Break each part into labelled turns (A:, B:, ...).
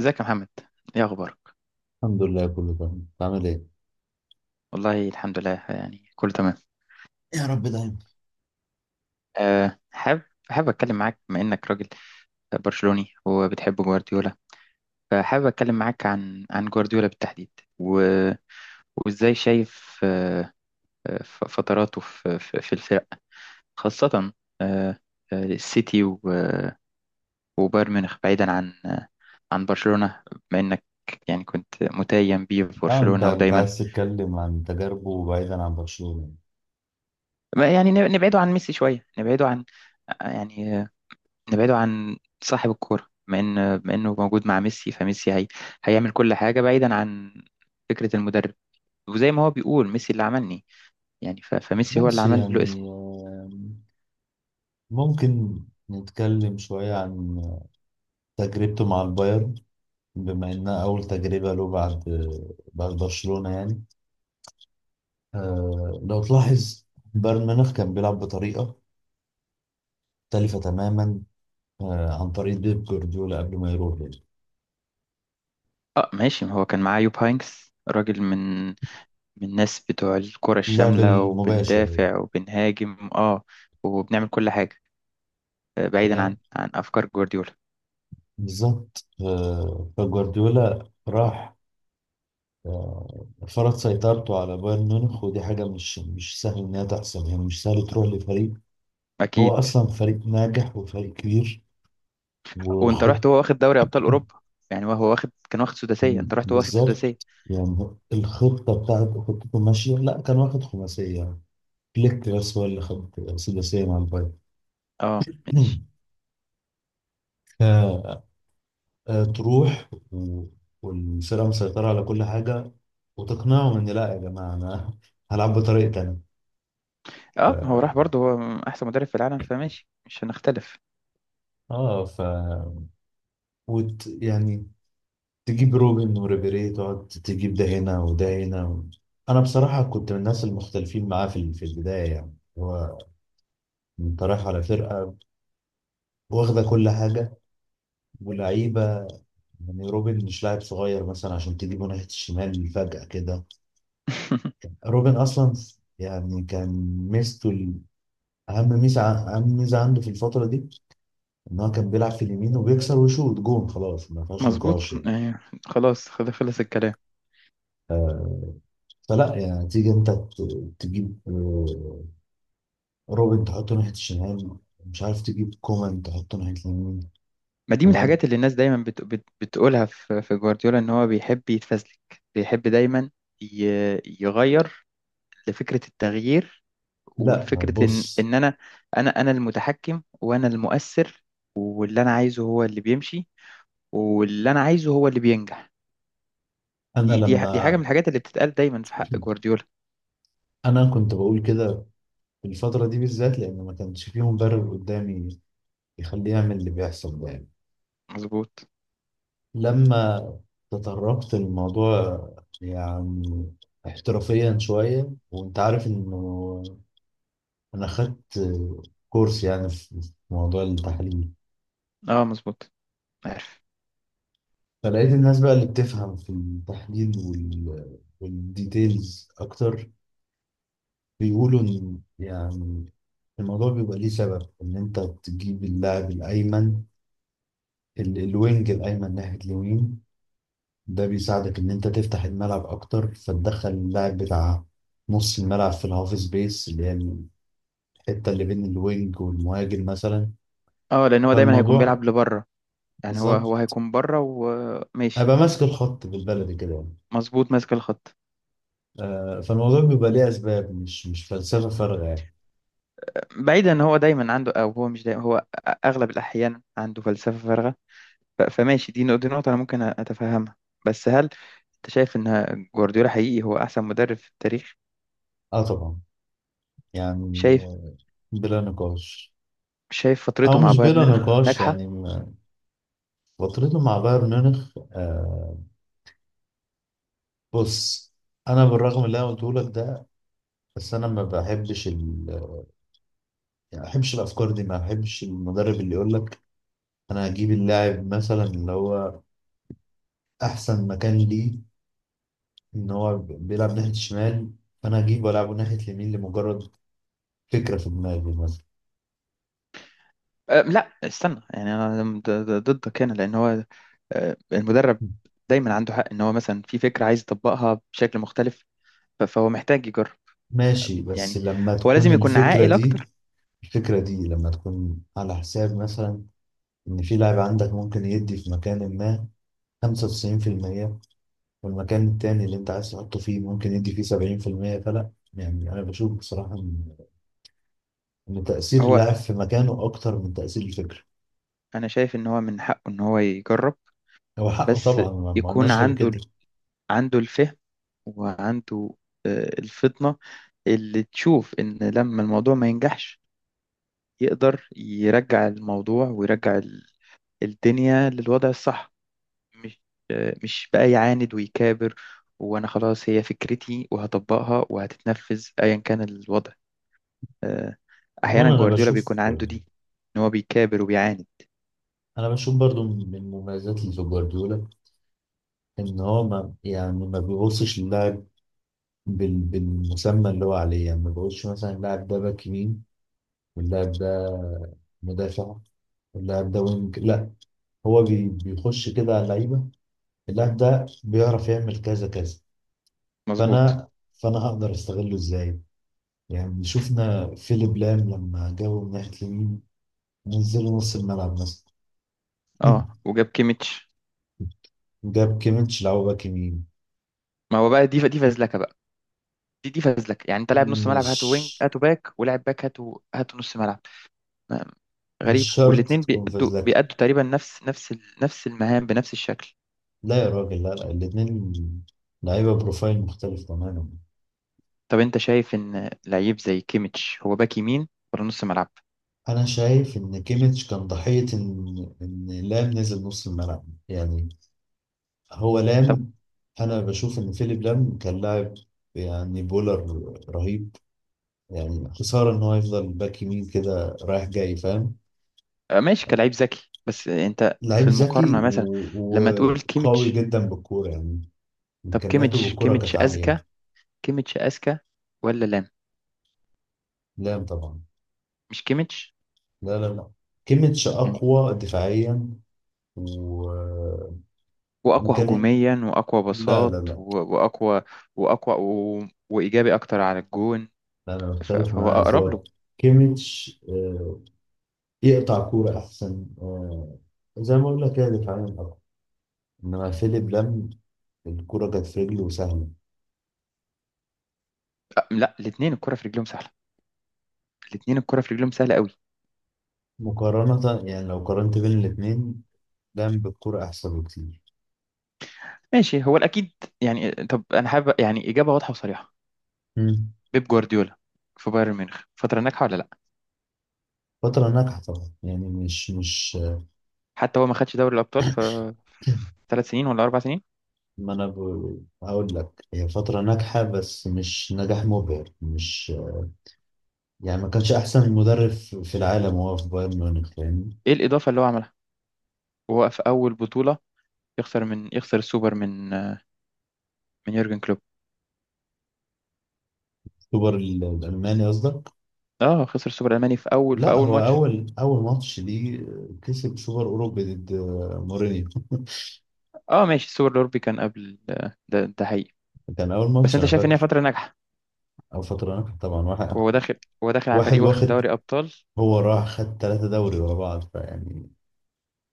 A: ازيك يا محمد؟ ايه اخبارك؟
B: الحمد لله، كله تمام. بتعمل ايه؟
A: والله الحمد لله، يعني كله تمام.
B: يا رب دايما.
A: أه حابب حابب اتكلم معاك بما انك راجل برشلوني وبتحب جوارديولا، فحابب اتكلم معاك عن جوارديولا بالتحديد. و... وازاي شايف فتراته في الفرق، خاصة أه آه، السيتي وبايرن ميونخ، بعيدا عن برشلونة، بما انك يعني كنت متيم بيه في
B: اه، انت
A: برشلونة
B: انت
A: ودايما
B: عايز تتكلم عن تجاربه بعيدا عن برشلونة.
A: يعني نبعده عن ميسي شوية يعني نبعده عن صاحب الكورة، بما إنه موجود مع ميسي، فميسي هيعمل كل حاجة بعيدا عن فكرة المدرب. وزي ما هو بيقول، ميسي اللي عملني، يعني فميسي هو اللي
B: ماشي
A: عمل له اسم.
B: يعني، ممكن نتكلم شوية عن تجربته مع البايرن، بما انها اول تجربة له بعد برشلونة يعني. لو تلاحظ، بايرن ميونخ كان بيلعب بطريقة مختلفة تماما، عن طريق بيب جوارديولا قبل ما يروح يعني.
A: اه، ماشي، ما هو كان معاه يوب هاينكس، راجل من الناس بتوع الكرة
B: اللعب
A: الشاملة،
B: المباشر.
A: وبندافع وبنهاجم وبنعمل كل حاجة، بعيدا عن
B: يعني
A: عن أفكار جوارديولا.
B: بالظبط، فجوارديولا راح فرض سيطرته على بايرن ميونخ، ودي حاجة مش سهل إنها تحصل، يعني مش سهل تروح لفريق هو
A: أكيد.
B: أصلا فريق ناجح وفريق كبير
A: وأنت
B: وخط.
A: رحت هو واخد دوري أبطال أوروبا، يعني هو واخد كان واخد سداسية، أنت رحت هو واخد سداسية.
B: بالظبط، يعني الخطة بتاعت خطته ماشية. لا، كان واخد خماسية فليك، بس هو اللي خد سداسية مع البايرن.
A: اه، ماشي.
B: ف- تروح والفرقة مسيطرة على كل حاجة، وتقنعهم إن لا يا جماعة، أنا هلعب بطريقة تانية. ف...
A: اه، هو راح برضه، هو احسن مدرب في العالم، فماشي مش هنختلف.
B: اه، يعني تجيب روبن وريبيري، تقعد تجيب ده هنا وده هنا انا بصراحه كنت من الناس المختلفين معاه في البدايه. يعني هو، انت رايح على فرقه واخده كل حاجه ولعيبه. يعني روبن مش لاعب صغير مثلا عشان تجيبه ناحيه الشمال فجاه كده. روبن اصلا يعني كان ميزته اهم ميزه عنده في الفتره دي ان هو كان بيلعب في اليمين وبيكسر ويشوط جون. خلاص، ما فيهاش
A: مظبوط.
B: نقاش يعني.
A: يعني خلاص، خلص الكلام.
B: آه، فلا يعني، تيجي انت تجيب روبن تحطه ناحية الشمال، مش عارف تجيب كومان تحطه ناحية اليمين
A: ما دي من
B: وبعد.
A: الحاجات اللي الناس دايما بتقولها في جوارديولا، ان هو بيحب يتفزلك. بيحب دايما ي... يغير لفكرة التغيير،
B: لا
A: والفكرة ان
B: بص.
A: ان انا المتحكم وانا المؤثر، واللي انا عايزه هو اللي بيمشي، واللي انا عايزه هو اللي بينجح.
B: أنا
A: دي حاجة
B: لما
A: من الحاجات اللي بتتقال دايما في حق جوارديولا.
B: أنا كنت بقول كده في الفترة دي بالذات، لأن ما كانش فيه مدرب قدامي يخليه يعمل اللي بيحصل ده يعني.
A: مظبوط.
B: لما تطرقت الموضوع يعني احترافيا شوية، وأنت عارف إنه أنا خدت كورس يعني في موضوع التحليل،
A: اه، مظبوط، عارف.
B: فلقيت الناس بقى اللي بتفهم في التحليل والديتيلز أكتر، بيقولوا إن يعني الموضوع بيبقى ليه سبب. إن أنت تجيب اللاعب الأيمن، الوينج الأيمن ناحية اليمين، ده بيساعدك إن أنت تفتح الملعب أكتر، فتدخل اللاعب بتاع نص الملعب في الهاف سبيس، اللي هي الحتة اللي بين الوينج والمهاجم مثلا.
A: اه، لان هو دايما هيكون
B: فالموضوع
A: بيلعب لبره، يعني هو
B: بالظبط،
A: هو هيكون بره وماشي.
B: أبقى ماسك الخط بالبلدي كده يعني.
A: مظبوط، ماسك الخط.
B: فالموضوع بيبقى ليه أسباب، مش فلسفة فارغة يعني.
A: بعيدا ان هو دايما عنده، او هو مش دايما، هو اغلب الاحيان عنده فلسفه فارغه. فماشي، دي نقطه انا ممكن اتفهمها. بس هل انت شايف ان جوارديولا حقيقي هو احسن مدرب في التاريخ؟
B: اه طبعا، يعني
A: شايف؟
B: بلا نقاش.
A: شايف
B: او
A: فترته مع
B: مش
A: بايرن
B: بلا
A: ميونخ
B: نقاش
A: ناجحه؟
B: يعني. فترته مع بايرن ميونخ بص، انا بالرغم اللي انا قلته لك ده، بس انا ما بحبش يعني ما بحبش الافكار دي. ما بحبش المدرب اللي يقول لك انا هجيب اللاعب مثلا، اللي هو احسن مكان ليه ان هو بيلعب ناحيه الشمال، فانا هجيبه والعبه ناحيه اليمين لمجرد فكره في دماغي مثلا.
A: أه، لا استنى، يعني انا ضدك هنا لان هو، المدرب دايما عنده حق ان هو مثلا في فكره عايز يطبقها بشكل مختلف، فهو محتاج يجرب.
B: ماشي، بس
A: يعني
B: لما
A: هو
B: تكون
A: لازم يكون
B: الفكره
A: عاقل
B: دي،
A: اكتر.
B: لما تكون على حساب مثلا إن في لاعب عندك ممكن يدي في مكان ما 95%، والمكان التاني اللي أنت عايز تحطه فيه ممكن يدي فيه 70%، فلا. يعني أنا بشوف بصراحة إن تأثير
A: هو
B: اللاعب في مكانه أكتر من تأثير الفكرة.
A: انا شايف ان هو من حقه ان هو يجرب،
B: هو حقه
A: بس
B: طبعا، ما
A: يكون
B: قلناش غير
A: عنده ال-
B: كده.
A: عنده الفهم، وعنده الفطنة اللي تشوف ان لما الموضوع ما ينجحش، يقدر يرجع الموضوع ويرجع الدنيا للوضع الصح، مش مش بقى يعاند ويكابر، وانا خلاص هي فكرتي وهطبقها وهتتنفذ ايا كان الوضع. آه،
B: هو
A: احيانا
B: أنا
A: جوارديولا بيكون
B: بشوف.
A: عنده دي، ان هو بيكابر وبيعاند.
B: أنا بشوف برضو من مميزات اللي في جوارديولا إن هو، ما يعني ما بيبصش للاعب بالمسمى اللي هو عليه. يعني ما بيقولش مثلا اللاعب ده باك يمين، واللاعب ده مدافع، واللاعب ده وينج. لا، هو بيخش كده على اللعيبه، اللاعب ده بيعرف يعمل كذا كذا.
A: مظبوط.
B: فانا فانا هقدر استغله ازاي. يعني شفنا فيليب لام لما جابه من ناحيه اليمين، نزله نص الملعب مثلا.
A: اه، وجاب كيميتش.
B: جاب كيميتش لعبه باك يمين.
A: ما هو بقى، دي فزلكه بقى، دي فزلكه، يعني انت لاعب نص ملعب
B: مش
A: هاتوا وينج، هاتوا باك، ولاعب باك هاتوا هاتوا نص ملعب. ما- غريبه،
B: مش شرط
A: والاثنين
B: تكون
A: بيأدوا
B: فازلكا.
A: بيأدوا تقريبا نفس المهام بنفس الشكل.
B: لا يا راجل، لا لا، الاتنين لعيبه بروفايل مختلف تماما.
A: طب انت شايف ان لعيب زي كيميتش هو باك يمين ولا نص ملعب؟
B: انا شايف ان كيميتش كان ضحيه ان لام نزل نص الملعب يعني. هو
A: طب
B: لام، انا بشوف ان فيليب لام كان لاعب، يعني بولر رهيب. يعني خساره ان هو يفضل باك يمين كده رايح جاي، فاهم.
A: ماشي كلاعب ذكي، بس انت
B: لعيب
A: في
B: ذكي
A: المقارنه مثلا
B: و-
A: لما تقول
B: وقوي
A: كيميتش.
B: جدا بالكوره يعني.
A: طب
B: امكانياته
A: كيميتش
B: بالكوره
A: كيميتش
B: كانت عاليه.
A: اذكى، كيميتش اذكى ولا لام؟
B: لام طبعا.
A: مش كيميتش؟
B: لا لا لا، كيميتش
A: يعني.
B: اقوى دفاعيا وامكانيات.
A: واقوى هجوميا واقوى
B: لا لا
A: بساط
B: لا،
A: واقوى، واقوى وايجابي اكتر على الجون،
B: انا مختلف
A: فهو
B: معاك.
A: اقرب
B: هو
A: له.
B: كيميتش، يقطع كوره احسن، زي ما اقول لك كده، دفاعيا. انما فيليب لام، الكرة جت في رجله وسهلة.
A: لا، الاثنين الكره في رجلهم سهله، الاثنين الكره في رجلهم سهله قوي.
B: مقارنة يعني، لو قارنت بين الاتنين، لام بالكرة احسن بكتير.
A: ماشي، هو الاكيد. يعني طب انا حابب يعني اجابه واضحه وصريحه،
B: مم.
A: بيب جوارديولا في بايرن ميونخ فتره ناجحه ولا لا؟
B: فترة ناجحة طبعا، يعني مش.
A: حتى هو ما خدش دوري الابطال في 3 سنين ولا 4 سنين.
B: ما انا هقول لك، هي فترة ناجحة بس مش نجاح مبهر، مش. يعني ما كانش احسن مدرب في العالم وهو في بايرن ميونخ، فاهمني.
A: ايه الاضافه اللي هو عملها، وهو في اول بطوله يخسر السوبر من يورجن كلوب.
B: سوبر الالماني قصدك.
A: اه، خسر السوبر الالماني في اول في
B: لا،
A: اول
B: هو
A: ماتش.
B: اول ماتش ليه، كسب سوبر اوروبي ضد مورينيو.
A: اه، ماشي، السوبر الأوروبي كان قبل، ده حقيقي.
B: كان اول
A: بس
B: ماتش
A: انت
B: انا
A: شايف ان هي
B: فاكر.
A: فترة ناجحة،
B: او فترة ناجحة طبعا. واحد
A: وهو داخل هو داخل على
B: واحد
A: فريق واخد
B: واخد،
A: دوري أبطال.
B: هو راح خد 3 دوري ورا بعض، فيعني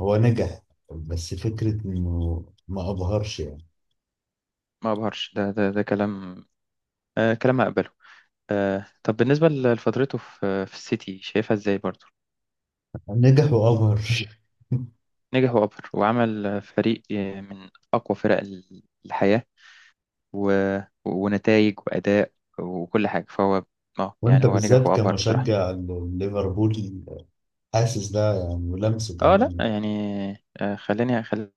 B: هو نجح. بس فكرة إنه ما أبهرش يعني.
A: ما ابهرش، ده كلام، آه، كلام هقبله. آه، طب بالنسبة لفترته في السيتي شايفها ازاي برضه؟
B: نجح وأبهر.
A: نجح وأبهر، وعمل فريق من أقوى فرق الحياة و... ونتائج وأداء وكل حاجة، فهو اه يعني
B: وأنت
A: هو نجح
B: بالذات
A: وأبهر بصراحة.
B: كمشجع ليفربول، حاسس ده يعني، ولمسه
A: اه،
B: كمان
A: لا
B: يعني.
A: يعني، خليني خليني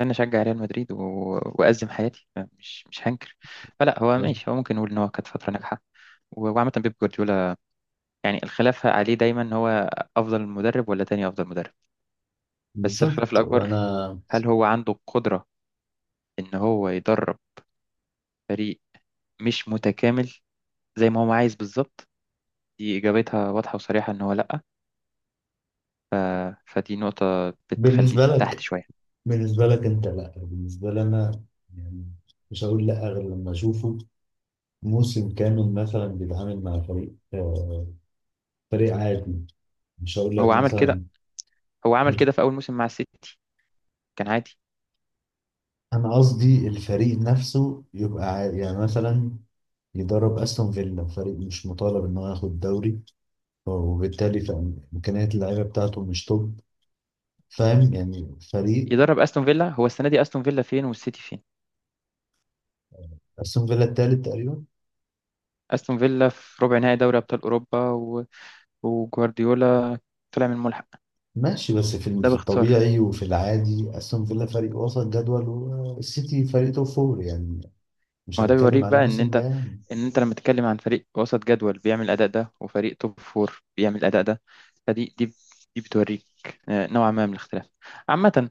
A: انا اشجع ريال مدريد وازم حياتي، مش هنكر، فلا هو
B: بالظبط.
A: ماشي، هو ممكن نقول ان هو كانت فتره ناجحه. وعامه بيب جوارديولا، يعني الخلاف عليه دايما ان هو افضل مدرب ولا تاني افضل مدرب، بس الخلاف
B: بالظبط.
A: الاكبر
B: وأنا
A: هل هو عنده القدره ان هو يدرب فريق مش متكامل زي ما هو عايز بالظبط. دي اجابتها واضحه وصريحه ان هو لا، ف... فدي نقطه بتخليه
B: بالنسبة
A: تحت
B: لك
A: شويه.
B: بالنسبة لك أنت لأ، بالنسبة لي أنا يعني مش هقول لأ غير لما أشوفه موسم كامل مثلا بيتعامل مع فريق عادي. مش هقول
A: هو
B: لك
A: عمل كده،
B: مثلا.
A: هو عمل كده في اول موسم مع السيتي، كان عادي.
B: انا قصدي الفريق نفسه يبقى يعني مثلا يدرب استون فيلا، فريق مش مطالب ان هو ياخد دوري، وبالتالي امكانيات اللعيبه بتاعته مش توب. فاهم يعني، فريق.
A: يدرب استون فيلا، هو السنه دي استون فيلا فين والسيتي فين؟
B: استون فيلا التالت تقريبا.
A: استون فيلا في ربع نهائي دوري ابطال اوروبا، وجوارديولا طلع من الملحق.
B: ماشي، بس
A: ده
B: في
A: باختصار.
B: الطبيعي وفي العادي استون فيلا فريق وسط جدول، والسيتي فريق توب فور يعني.
A: ما
B: مش
A: هو ده
B: هنتكلم
A: بيوريك
B: عن
A: بقى ان
B: الموسم ده
A: انت
B: يعني.
A: ان انت لما تتكلم عن فريق وسط جدول بيعمل الاداء ده، وفريق توب فور بيعمل الاداء ده، فدي دي دي بتوريك نوعا ما من الاختلاف. عامة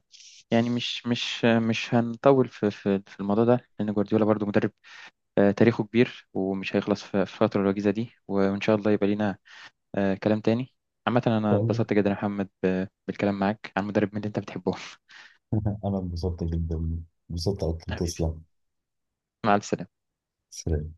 A: يعني مش هنطول في الموضوع ده، لأن جوارديولا برضو مدرب تاريخه كبير، ومش هيخلص في الفترة الوجيزة دي، وإن شاء الله يبقى لينا كلام تاني. عامة، أنا
B: والله
A: اتبسطت جدا يا محمد بالكلام معاك عن مدرب من اللي أنت بتحبه.
B: انا انبسطت جدا، انبسطت اكتر،
A: حبيبي
B: تسلم.
A: مع السلامة
B: سلام.